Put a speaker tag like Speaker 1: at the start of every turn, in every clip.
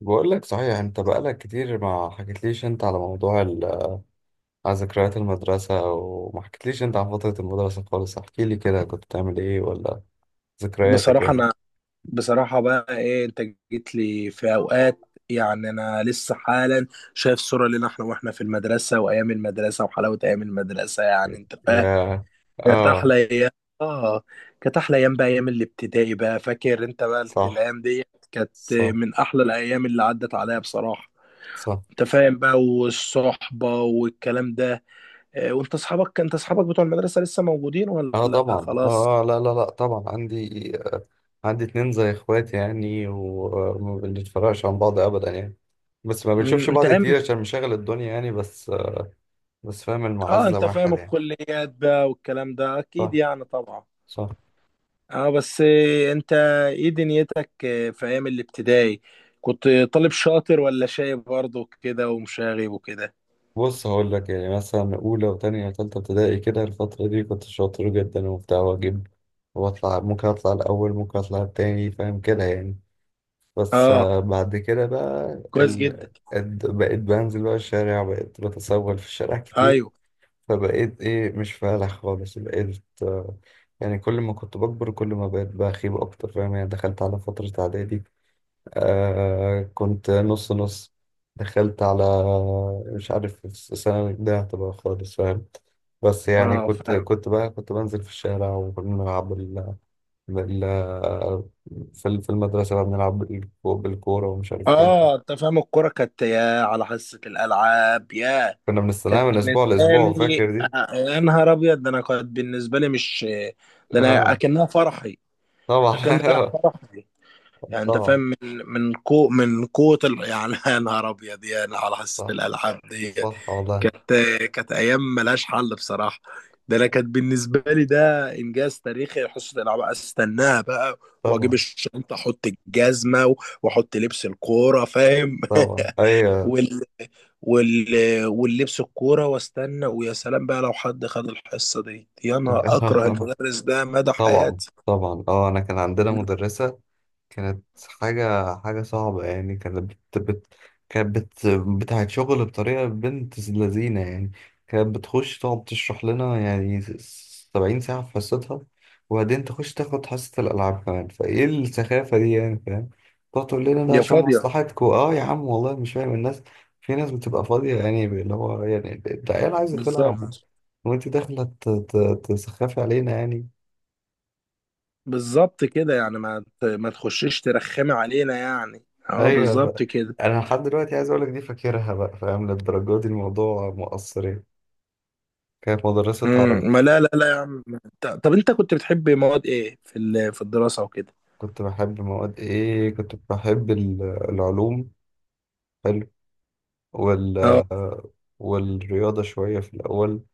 Speaker 1: بقول لك صحيح انت بقالك كتير ما حكيتليش انت على موضوع على ذكريات المدرسة وما حكيتليش انت عن فترة المدرسة خالص. احكي لي كده، كنت بتعمل ايه ولا ذكرياتك
Speaker 2: بصراحة
Speaker 1: يعني
Speaker 2: أنا بصراحة بقى إيه أنت جيت لي في أوقات. يعني أنا لسه حالا شايف صورة لنا إحنا وإحنا في المدرسة وأيام المدرسة وحلاوة أيام المدرسة، يعني أنت فاهم،
Speaker 1: يا
Speaker 2: كانت
Speaker 1: اه
Speaker 2: أحلى أيام. آه كانت أحلى أيام بقى، أيام الابتدائي بقى. فاكر أنت بقى
Speaker 1: صح،
Speaker 2: الأيام دي؟ كانت
Speaker 1: صح،
Speaker 2: من أحلى الأيام اللي عدت عليا بصراحة.
Speaker 1: صح.
Speaker 2: أنت فاهم بقى، والصحبة والكلام ده. وأنت أصحابك، أنت أصحابك بتوع المدرسة لسه موجودين
Speaker 1: اه
Speaker 2: ولا
Speaker 1: طبعا،
Speaker 2: خلاص؟
Speaker 1: اه، لا لا لا، طبعا عندي، عندي اتنين زي اخواتي يعني، وما بنتفرقش عن بعض ابدا يعني. بس ما بنشوفش
Speaker 2: أنت
Speaker 1: بعض
Speaker 2: أيام،
Speaker 1: كتير عشان مشاغل الدنيا يعني، بس بس فاهم،
Speaker 2: اه
Speaker 1: المعزة
Speaker 2: انت فاهم
Speaker 1: واحد يعني.
Speaker 2: الكليات بقى والكلام ده،
Speaker 1: صح،
Speaker 2: اكيد يعني طبعا.
Speaker 1: صح.
Speaker 2: اه بس إيه، انت ايه دنيتك إيه، في ايام الابتدائي كنت طالب شاطر ولا شايب برضه كده ومشاغب وكده؟
Speaker 1: بص هقول لك، يعني مثلا اولى وتانية وتالتة ابتدائي كده، الفترة دي كنت شاطر جدا وبتاع، واجيب واطلع، ممكن اطلع الاول ممكن اطلع التاني، فاهم كده يعني. بس
Speaker 2: اه
Speaker 1: آه، بعد كده بقى
Speaker 2: كويس جدا.
Speaker 1: بقيت بنزل بقى الشارع، بقيت بتسول في الشارع كتير.
Speaker 2: ايوه.
Speaker 1: فبقيت ايه، مش فالح خالص، بقيت آه، يعني كل ما كنت بكبر كل ما بقيت بخيب اكتر، فاهم يعني. دخلت على فترة اعدادي، آه كنت نص نص. دخلت على، مش عارف السنة ده هتبقى خالص فاهم. بس يعني
Speaker 2: اه
Speaker 1: كنت
Speaker 2: فاهم.
Speaker 1: كنت بقى كنت بنزل في الشارع، وكنا بنلعب بال... في المدرسة بقى، بنلعب بالكورة ومش عارف ايه.
Speaker 2: اه انت فاهم الكرة كانت يا على حصة الالعاب يا.
Speaker 1: كنا بنستناها
Speaker 2: كانت
Speaker 1: من
Speaker 2: بالنسبة
Speaker 1: أسبوع لأسبوع،
Speaker 2: لي،
Speaker 1: فاكر دي؟
Speaker 2: يا نهار ابيض، ده انا كانت بالنسبة لي مش، ده انا
Speaker 1: اه
Speaker 2: اكنها فرحي، اكن رايح
Speaker 1: طبعا.
Speaker 2: فرحي، يعني انت فاهم
Speaker 1: طبعا.
Speaker 2: من من كو من قوة يعني يا نهار ابيض، يعني على حصة
Speaker 1: صح،
Speaker 2: الالعاب ديت.
Speaker 1: صح والله.
Speaker 2: كانت، كانت ايام ملهاش حل بصراحة. ده انا كانت بالنسبة لي ده انجاز تاريخي، حصة الالعاب استناها بقى، واجيب
Speaker 1: طبعا.
Speaker 2: الشنطة، احط واحط لبس الكورة، فاهم؟
Speaker 1: طبعا أيوه.
Speaker 2: وال وال واللبس الكورة، واستنى. ويا سلام بقى لو حد خد الحصة دي، يا نهار اكره المدرس ده مدى
Speaker 1: طبعا.
Speaker 2: حياتي.
Speaker 1: طبعا. اه أنا كان عندنا مدرسة، كانت حاجة صعبة يعني. كانت بت بت بت بتاعت شغل بطريقة بنت لذينة يعني. كانت بتخش تقعد تشرح لنا يعني 70 ساعة في حصتها، وبعدين تخش تاخد حصة الألعاب كمان. فإيه السخافة دي يعني فاهم؟ تقعد تقول لنا ده
Speaker 2: يا
Speaker 1: عشان
Speaker 2: فاضية.
Speaker 1: مصلحتكوا. اه يا عم والله مش فاهم الناس، في ناس بتبقى فاضية يعني، اللي هو يعني العيال عايزة تلعب
Speaker 2: بالظبط.
Speaker 1: وانت داخلة تسخفي علينا يعني.
Speaker 2: بالظبط كده. يعني ما تخشيش ترخمي علينا، يعني اه
Speaker 1: ايوه
Speaker 2: بالظبط
Speaker 1: بقى.
Speaker 2: كده.
Speaker 1: انا لحد دلوقتي عايز اقول لك دي فاكرها بقى، فاهم للدرجه دي الموضوع مؤثر يعني. كانت مدرسه عربي.
Speaker 2: ما لا لا لا يا عم. طب انت كنت بتحب مواد ايه في في الدراسة وكده؟
Speaker 1: كنت بحب مواد ايه؟ كنت بحب العلوم. حلو. وال
Speaker 2: اه
Speaker 1: والرياضه شويه في الاول.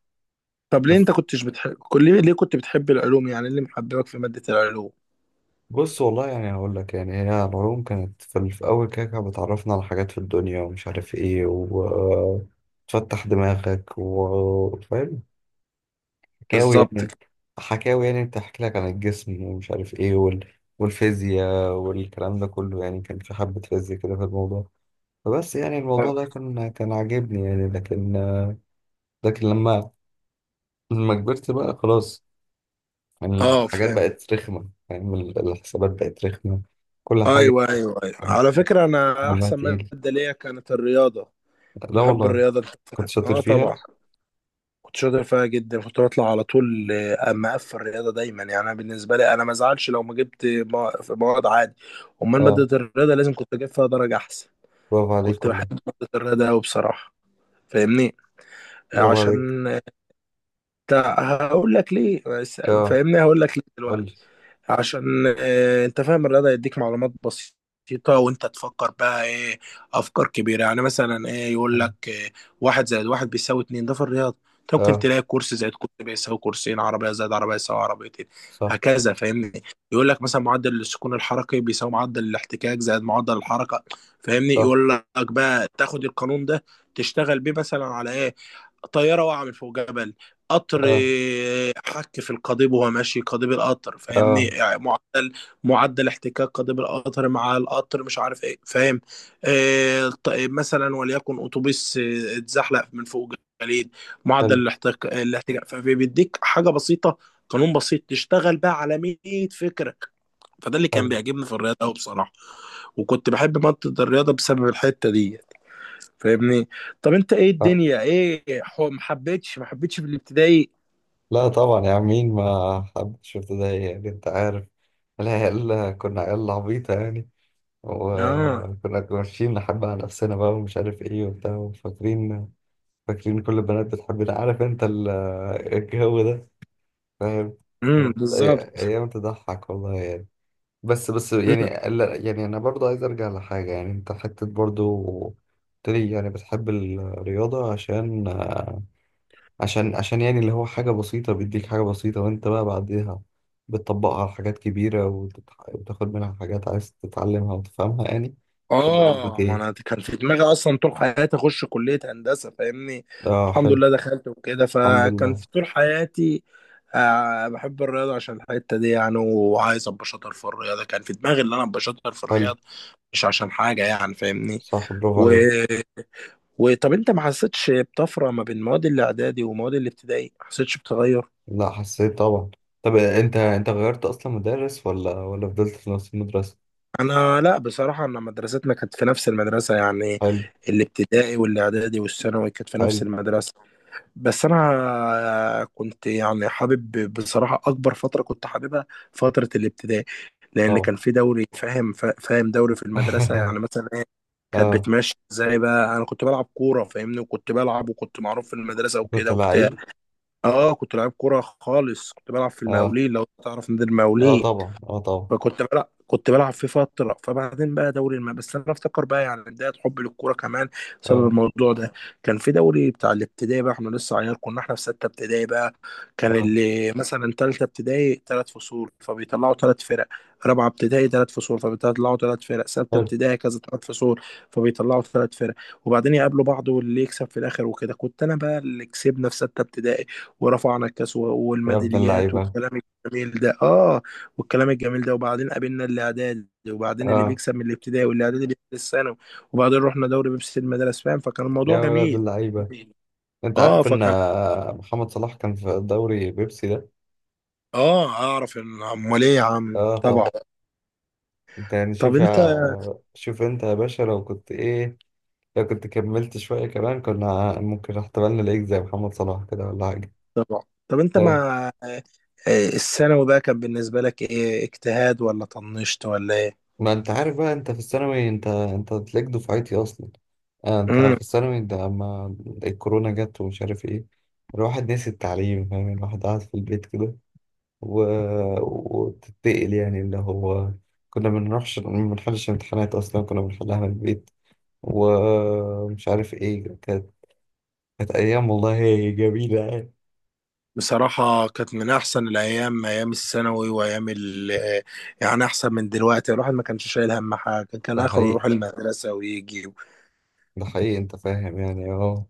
Speaker 2: طب ليه، انت
Speaker 1: بس
Speaker 2: كنتش بتحب كل، ليه كنت بتحب العلوم، يعني إيه اللي محببك في مادة العلوم؟
Speaker 1: بص والله يعني هقول لك، يعني هي العلوم كانت في في الاول كده، كانت بتعرفنا على حاجات في الدنيا ومش عارف ايه، وتفتح دماغك وفاهم، حكاوي
Speaker 2: بالظبط
Speaker 1: يعني.
Speaker 2: كده.
Speaker 1: حكاوي يعني، بتحكي لك عن الجسم ومش عارف ايه والفيزياء والكلام ده كله يعني. كان في حبة فيزياء كده في الموضوع، فبس يعني
Speaker 2: اه
Speaker 1: الموضوع ده كان عاجبني يعني، لكن، لكن لما، لما كبرت بقى خلاص، يعني الحاجات
Speaker 2: فاهم.
Speaker 1: بقت رخمة يعني. الحسابات بقت رخمة، كل حاجة
Speaker 2: ايوه ايوه ايوه على فكرة، انا
Speaker 1: دمها
Speaker 2: احسن
Speaker 1: تقيل.
Speaker 2: مادة ليا كانت الرياضة.
Speaker 1: لا
Speaker 2: بحب
Speaker 1: والله
Speaker 2: الرياضة، أنت
Speaker 1: كنت
Speaker 2: فاهم؟
Speaker 1: شاطر
Speaker 2: اه طبعا
Speaker 1: فيها.
Speaker 2: كنت شاطر فيها جدا، كنت بطلع على طول. مقفل الرياضه دايما. يعني انا بالنسبه لي انا ما ازعلش لو ما جبت في مواد عادي، امال
Speaker 1: اه،
Speaker 2: ماده الرياضه لازم كنت اجيب فيها درجه احسن.
Speaker 1: برافو عليك
Speaker 2: كنت بحب
Speaker 1: والله.
Speaker 2: ماده الرياضه قوي بصراحه، فاهمني؟
Speaker 1: برافو عليك.
Speaker 2: عشان هقول لك ليه،
Speaker 1: اه
Speaker 2: فاهمني، هقول لك ليه دلوقتي.
Speaker 1: قول لي.
Speaker 2: عشان، انت فاهم، الرياضة يديك معلومات بسيطة وانت تفكر بقى ايه، افكار كبيرة. يعني مثلا ايه، يقول لك إيه، واحد زائد واحد بيساوي اتنين، ده في الرياضة أنت ممكن
Speaker 1: اه.
Speaker 2: تلاقي كرسي زائد كرسي بيساوي كرسيين، عربية زائد عربية يساوي عربيتين،
Speaker 1: صح،
Speaker 2: هكذا. فاهمني؟ يقول لك مثلا معدل السكون الحركي بيساوي معدل الاحتكاك زائد معدل الحركة. فاهمني؟
Speaker 1: صح.
Speaker 2: يقول لك بقى تاخد القانون ده تشتغل بيه مثلا على ايه، طيارة واقعة من فوق جبل، قطر
Speaker 1: اه.
Speaker 2: حك في القضيب وهو ماشي قضيب القطر،
Speaker 1: اه.
Speaker 2: فاهمني؟
Speaker 1: آه،
Speaker 2: يعني معدل احتكاك قضيب القطر مع القطر مش عارف ايه، فاهم؟ آه طيب، مثلا وليكن اتوبيس، اتزحلق من فوق جليد، معدل
Speaker 1: حلو.
Speaker 2: الاحتكاك، فبيديك حاجه بسيطه، قانون بسيط، تشتغل بقى على 100 فكره. فده اللي كان
Speaker 1: حلو.
Speaker 2: بيعجبني في الرياضه قوي بصراحه. وكنت بحب مادة الرياضة بسبب الحتة دي، فاهمني؟ طب انت ايه
Speaker 1: آه.
Speaker 2: الدنيا، ايه ما حبيتش، ما حبيتش في الابتدائي؟
Speaker 1: لا طبعا يا عم، مين ما حبش ابتدائي يعني؟ انت عارف العيال كنا عيال عبيطة يعني،
Speaker 2: اه.
Speaker 1: وكنا ماشيين نحب على نفسنا بقى ومش عارف ايه وبتاع، وفاكرين، فاكرين كل البنات بتحبنا، عارف انت الجو ده فاهم. كانت
Speaker 2: بالظبط.
Speaker 1: ايام تضحك والله يعني. بس، بس
Speaker 2: مم.
Speaker 1: يعني، لا يعني انا برضو عايز ارجع لحاجة يعني. انت حتى برضو قلت لي يعني بتحب الرياضة عشان يعني اللي هو حاجة بسيطة، بيديك حاجة بسيطة وانت بقى بعدها بتطبقها على حاجات كبيرة، وتاخد منها حاجات عايز تتعلمها وتفهمها يعني. ولا قصدك
Speaker 2: اه، ما انا
Speaker 1: ايه؟
Speaker 2: كان في دماغي اصلا طول حياتي اخش كليه هندسه، فاهمني؟
Speaker 1: اه
Speaker 2: الحمد
Speaker 1: حلو.
Speaker 2: لله دخلت وكده،
Speaker 1: الحمد
Speaker 2: فكان
Speaker 1: لله.
Speaker 2: في طول حياتي، بحب الرياضه عشان الحته دي يعني، وعايز ابقى شاطر في الرياضه. كان في دماغي ان انا ابقى شاطر في
Speaker 1: حلو.
Speaker 2: الرياضه، مش عشان حاجه يعني، فاهمني؟
Speaker 1: صح برافو
Speaker 2: و...
Speaker 1: عليك.
Speaker 2: وطب انت ما حسيتش بطفره ما بين مواد الاعدادي ومواد الابتدائي؟ ما حسيتش بتغير؟
Speaker 1: لا حسيت طبعا. طب انت، انت غيرت اصلا مدرس ولا ولا فضلت في نفس المدرسة؟
Speaker 2: انا لا بصراحه، انا مدرستنا كانت في نفس المدرسه يعني،
Speaker 1: حلو.
Speaker 2: الابتدائي والاعدادي والثانوي كانت في نفس
Speaker 1: حلو.
Speaker 2: المدرسه. بس انا كنت يعني حابب بصراحه، اكبر فتره كنت حاببها فتره الابتدائي، لان
Speaker 1: طبعا.
Speaker 2: كان في دوري. فاهم؟ فاهم دوري في المدرسه يعني مثلا ايه كانت
Speaker 1: اه
Speaker 2: بتمشي ازاي بقى؟ انا كنت بلعب كوره، فاهمني؟ وكنت بلعب وكنت معروف في المدرسه
Speaker 1: كنت
Speaker 2: وكده وبتاع.
Speaker 1: لعيب.
Speaker 2: اه كنت لعيب كوره خالص، كنت بلعب في
Speaker 1: اه.
Speaker 2: المقاولين، لو تعرف نادي
Speaker 1: اه
Speaker 2: المقاولين.
Speaker 1: طبعا اه طبعا.
Speaker 2: فكنت بلعب في فترة. فبعدين بقى دوري بس أنا أفتكر بقى، يعني بداية حبي للكورة كمان بسبب
Speaker 1: اه.
Speaker 2: الموضوع ده. كان في دوري بتاع الابتدائي بقى، إحنا لسه عيال، كنا إحنا في ستة ابتدائي بقى. كان
Speaker 1: اه
Speaker 2: اللي مثلا تالتة ابتدائي تلات فصول فبيطلعوا تلات فرق، رابعة ابتدائي تلات فصول فبيطلعوا تلات فرق، ستة
Speaker 1: حلو.
Speaker 2: ابتدائي كذا تلات فصول فبيطلعوا تلات فرق. وبعدين يقابلوا بعض واللي يكسب في الآخر وكده. كنت أنا بقى اللي كسبنا في ستة ابتدائي، ورفعنا
Speaker 1: يا ابن
Speaker 2: والميداليات
Speaker 1: اللعيبة.
Speaker 2: والكلام الجميل ده. والكلام الجميل ده. وبعدين قابلنا اللي اعدادي، وبعدين اللي
Speaker 1: اه.
Speaker 2: بيكسب من الابتدائي واللي اعدادي بيكسب الثانوي. وبعدين رحنا دوري بيبسي المدارس، فاهم؟ فكان الموضوع
Speaker 1: يا ولد
Speaker 2: جميل.
Speaker 1: اللعيبة، انت
Speaker 2: اه
Speaker 1: عارف ان
Speaker 2: فكان.
Speaker 1: محمد صلاح كان في دوري بيبسي ده؟
Speaker 2: اه اعرف ان، امال ايه يا عم،
Speaker 1: اه طب
Speaker 2: طبعا.
Speaker 1: انت يعني
Speaker 2: طب
Speaker 1: شوف
Speaker 2: انت
Speaker 1: يا، شوف انت يا باشا لو كنت ايه، لو كنت كملت شوية كمان كنا ممكن احتمالنا نلاقيك زي محمد صلاح كده ولا حاجة.
Speaker 2: طبعا. طب انت
Speaker 1: ايه
Speaker 2: مع الثانوي بقى، كان بالنسبه لك ايه، اجتهاد ولا طنشت ولا ايه؟
Speaker 1: ما انت عارف بقى، انت في الثانوي، انت تلاقيك دفعتي اصلا. آه انت
Speaker 2: امم
Speaker 1: في الثانوي ده لما الكورونا جت ومش عارف ايه، الواحد نسي التعليم فاهم، الواحد قاعد في البيت كده، و، وتتقل يعني، اللي هو كنا بنروحش، ما بنحلش امتحانات أصلا كنا بنحلها من البيت ومش عارف ايه. كانت، كانت أيام والله جميلة يعني.
Speaker 2: بصراحه كانت من احسن الايام ايام الثانوي، وايام يعني، احسن من دلوقتي. الواحد ما كانش شايل هم حاجه، كان
Speaker 1: ده
Speaker 2: اخره
Speaker 1: حقيقي.
Speaker 2: يروح المدرسه ويجي.
Speaker 1: ده حقيقي أنت فاهم يعني، اه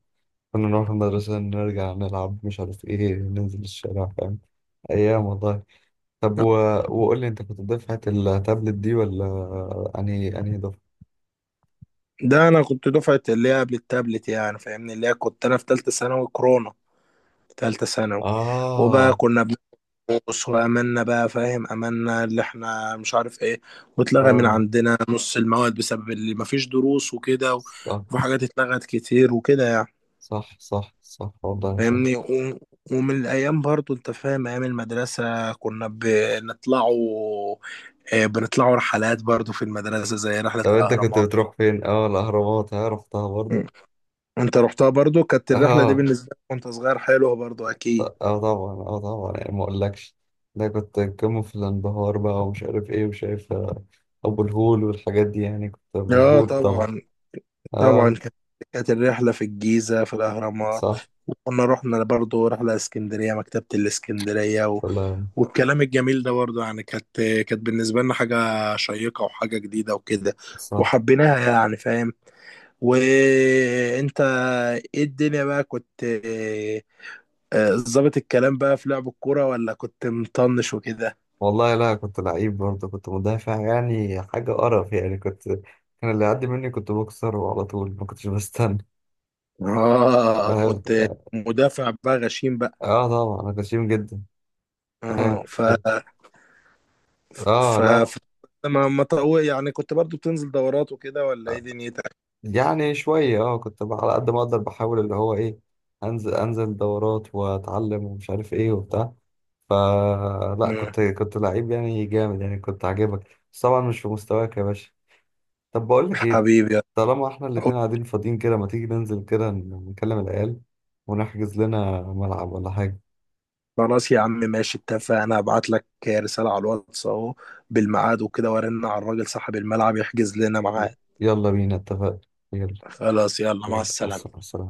Speaker 1: كنا نروح المدرسة نرجع نلعب مش عارف ايه، ننزل الشارع فاهم. أيام والله. طب و، وقول لي أنت كنت دفعة التابلت دي ولا أنهي دفعة؟
Speaker 2: ده انا كنت دفعه اللي هي قبل التابلت يعني، فاهمني؟ اللي هي كنت انا في ثالثه ثانوي كورونا. ثالثه ثانوي. وبقى
Speaker 1: آه.
Speaker 2: كنا بنقص واملنا بقى، فاهم؟ املنا اللي احنا مش عارف ايه. واتلغى من
Speaker 1: آه.
Speaker 2: عندنا نص المواد بسبب اللي مفيش دروس
Speaker 1: صح،
Speaker 2: وفي حاجات اتلغت كتير وكده يعني.
Speaker 1: صح، صح، صح والله صح.
Speaker 2: فاهمني؟ ومن الايام برضو، انت فاهم، ايام المدرسه كنا بنطلعوا، بنطلعوا رحلات برضو في المدرسه زي رحله
Speaker 1: طب انت كنت
Speaker 2: الاهرامات.
Speaker 1: بتروح فين؟ اه الاهرامات، ها رحتها برضو؟
Speaker 2: انت رحتها برضو، كانت الرحلة دي
Speaker 1: اه،
Speaker 2: بالنسبة لك وانت صغير حلوة برضو اكيد.
Speaker 1: اه طبعا اه طبعا، يعني ما اقولكش ده كنت قمة في الانبهار بقى، ومش عارف ايه وشايف ابو الهول والحاجات دي يعني، كنت
Speaker 2: اه
Speaker 1: مبهور طبعا.
Speaker 2: طبعا. طبعا
Speaker 1: اه.
Speaker 2: كانت، كانت الرحلة في الجيزة في الأهرامات.
Speaker 1: صح
Speaker 2: وكنا رحنا برضو رحلة اسكندرية، مكتبة الاسكندرية
Speaker 1: والله.
Speaker 2: والكلام الجميل ده برضو يعني. كانت بالنسبة لنا حاجة شيقة وحاجة جديدة وكده،
Speaker 1: صح
Speaker 2: وحبيناها يعني، فاهم؟ وانت ايه الدنيا بقى، كنت ظابط الكلام بقى في لعب الكورة، ولا كنت مطنش وكده؟
Speaker 1: والله. لا كنت لعيب برضه، كنت مدافع يعني حاجة قرف يعني. كنت، كان اللي يعدي مني كنت بكسره على طول، ما كنتش بستنى،
Speaker 2: اه
Speaker 1: فاهم
Speaker 2: كنت
Speaker 1: يعني.
Speaker 2: مدافع بقى غشيم بقى.
Speaker 1: اه طبعا انا كنت شتيم جدا. فاهم
Speaker 2: اه ف
Speaker 1: كنت، اه
Speaker 2: ف,
Speaker 1: لا،
Speaker 2: ف... ما ما طو- يعني كنت برضو بتنزل دورات وكده، ولا ايه دنيتك؟
Speaker 1: يعني شوية. اه كنت بقى على قد ما اقدر بحاول اللي هو ايه، انزل، انزل دورات واتعلم ومش عارف ايه وبتاع. فلا
Speaker 2: مم.
Speaker 1: كنت، كنت لعيب يعني جامد يعني، كنت عاجبك بس طبعا مش في مستواك يا باشا. طب بقول لك ايه،
Speaker 2: حبيبي،
Speaker 1: طالما احنا الاتنين
Speaker 2: قلت
Speaker 1: قاعدين فاضيين كده، ما تيجي ننزل كده نكلم العيال ونحجز لنا ملعب ولا حاجة.
Speaker 2: خلاص يا عم، ماشي، اتفقنا. هبعت لك رسالة على الواتس اهو بالميعاد وكده، وارن على الراجل صاحب الملعب يحجز لنا ميعاد.
Speaker 1: يلا بينا اتفقنا. يلا.
Speaker 2: خلاص، يلا، مع
Speaker 1: يلا مع
Speaker 2: السلامة.
Speaker 1: السلامة.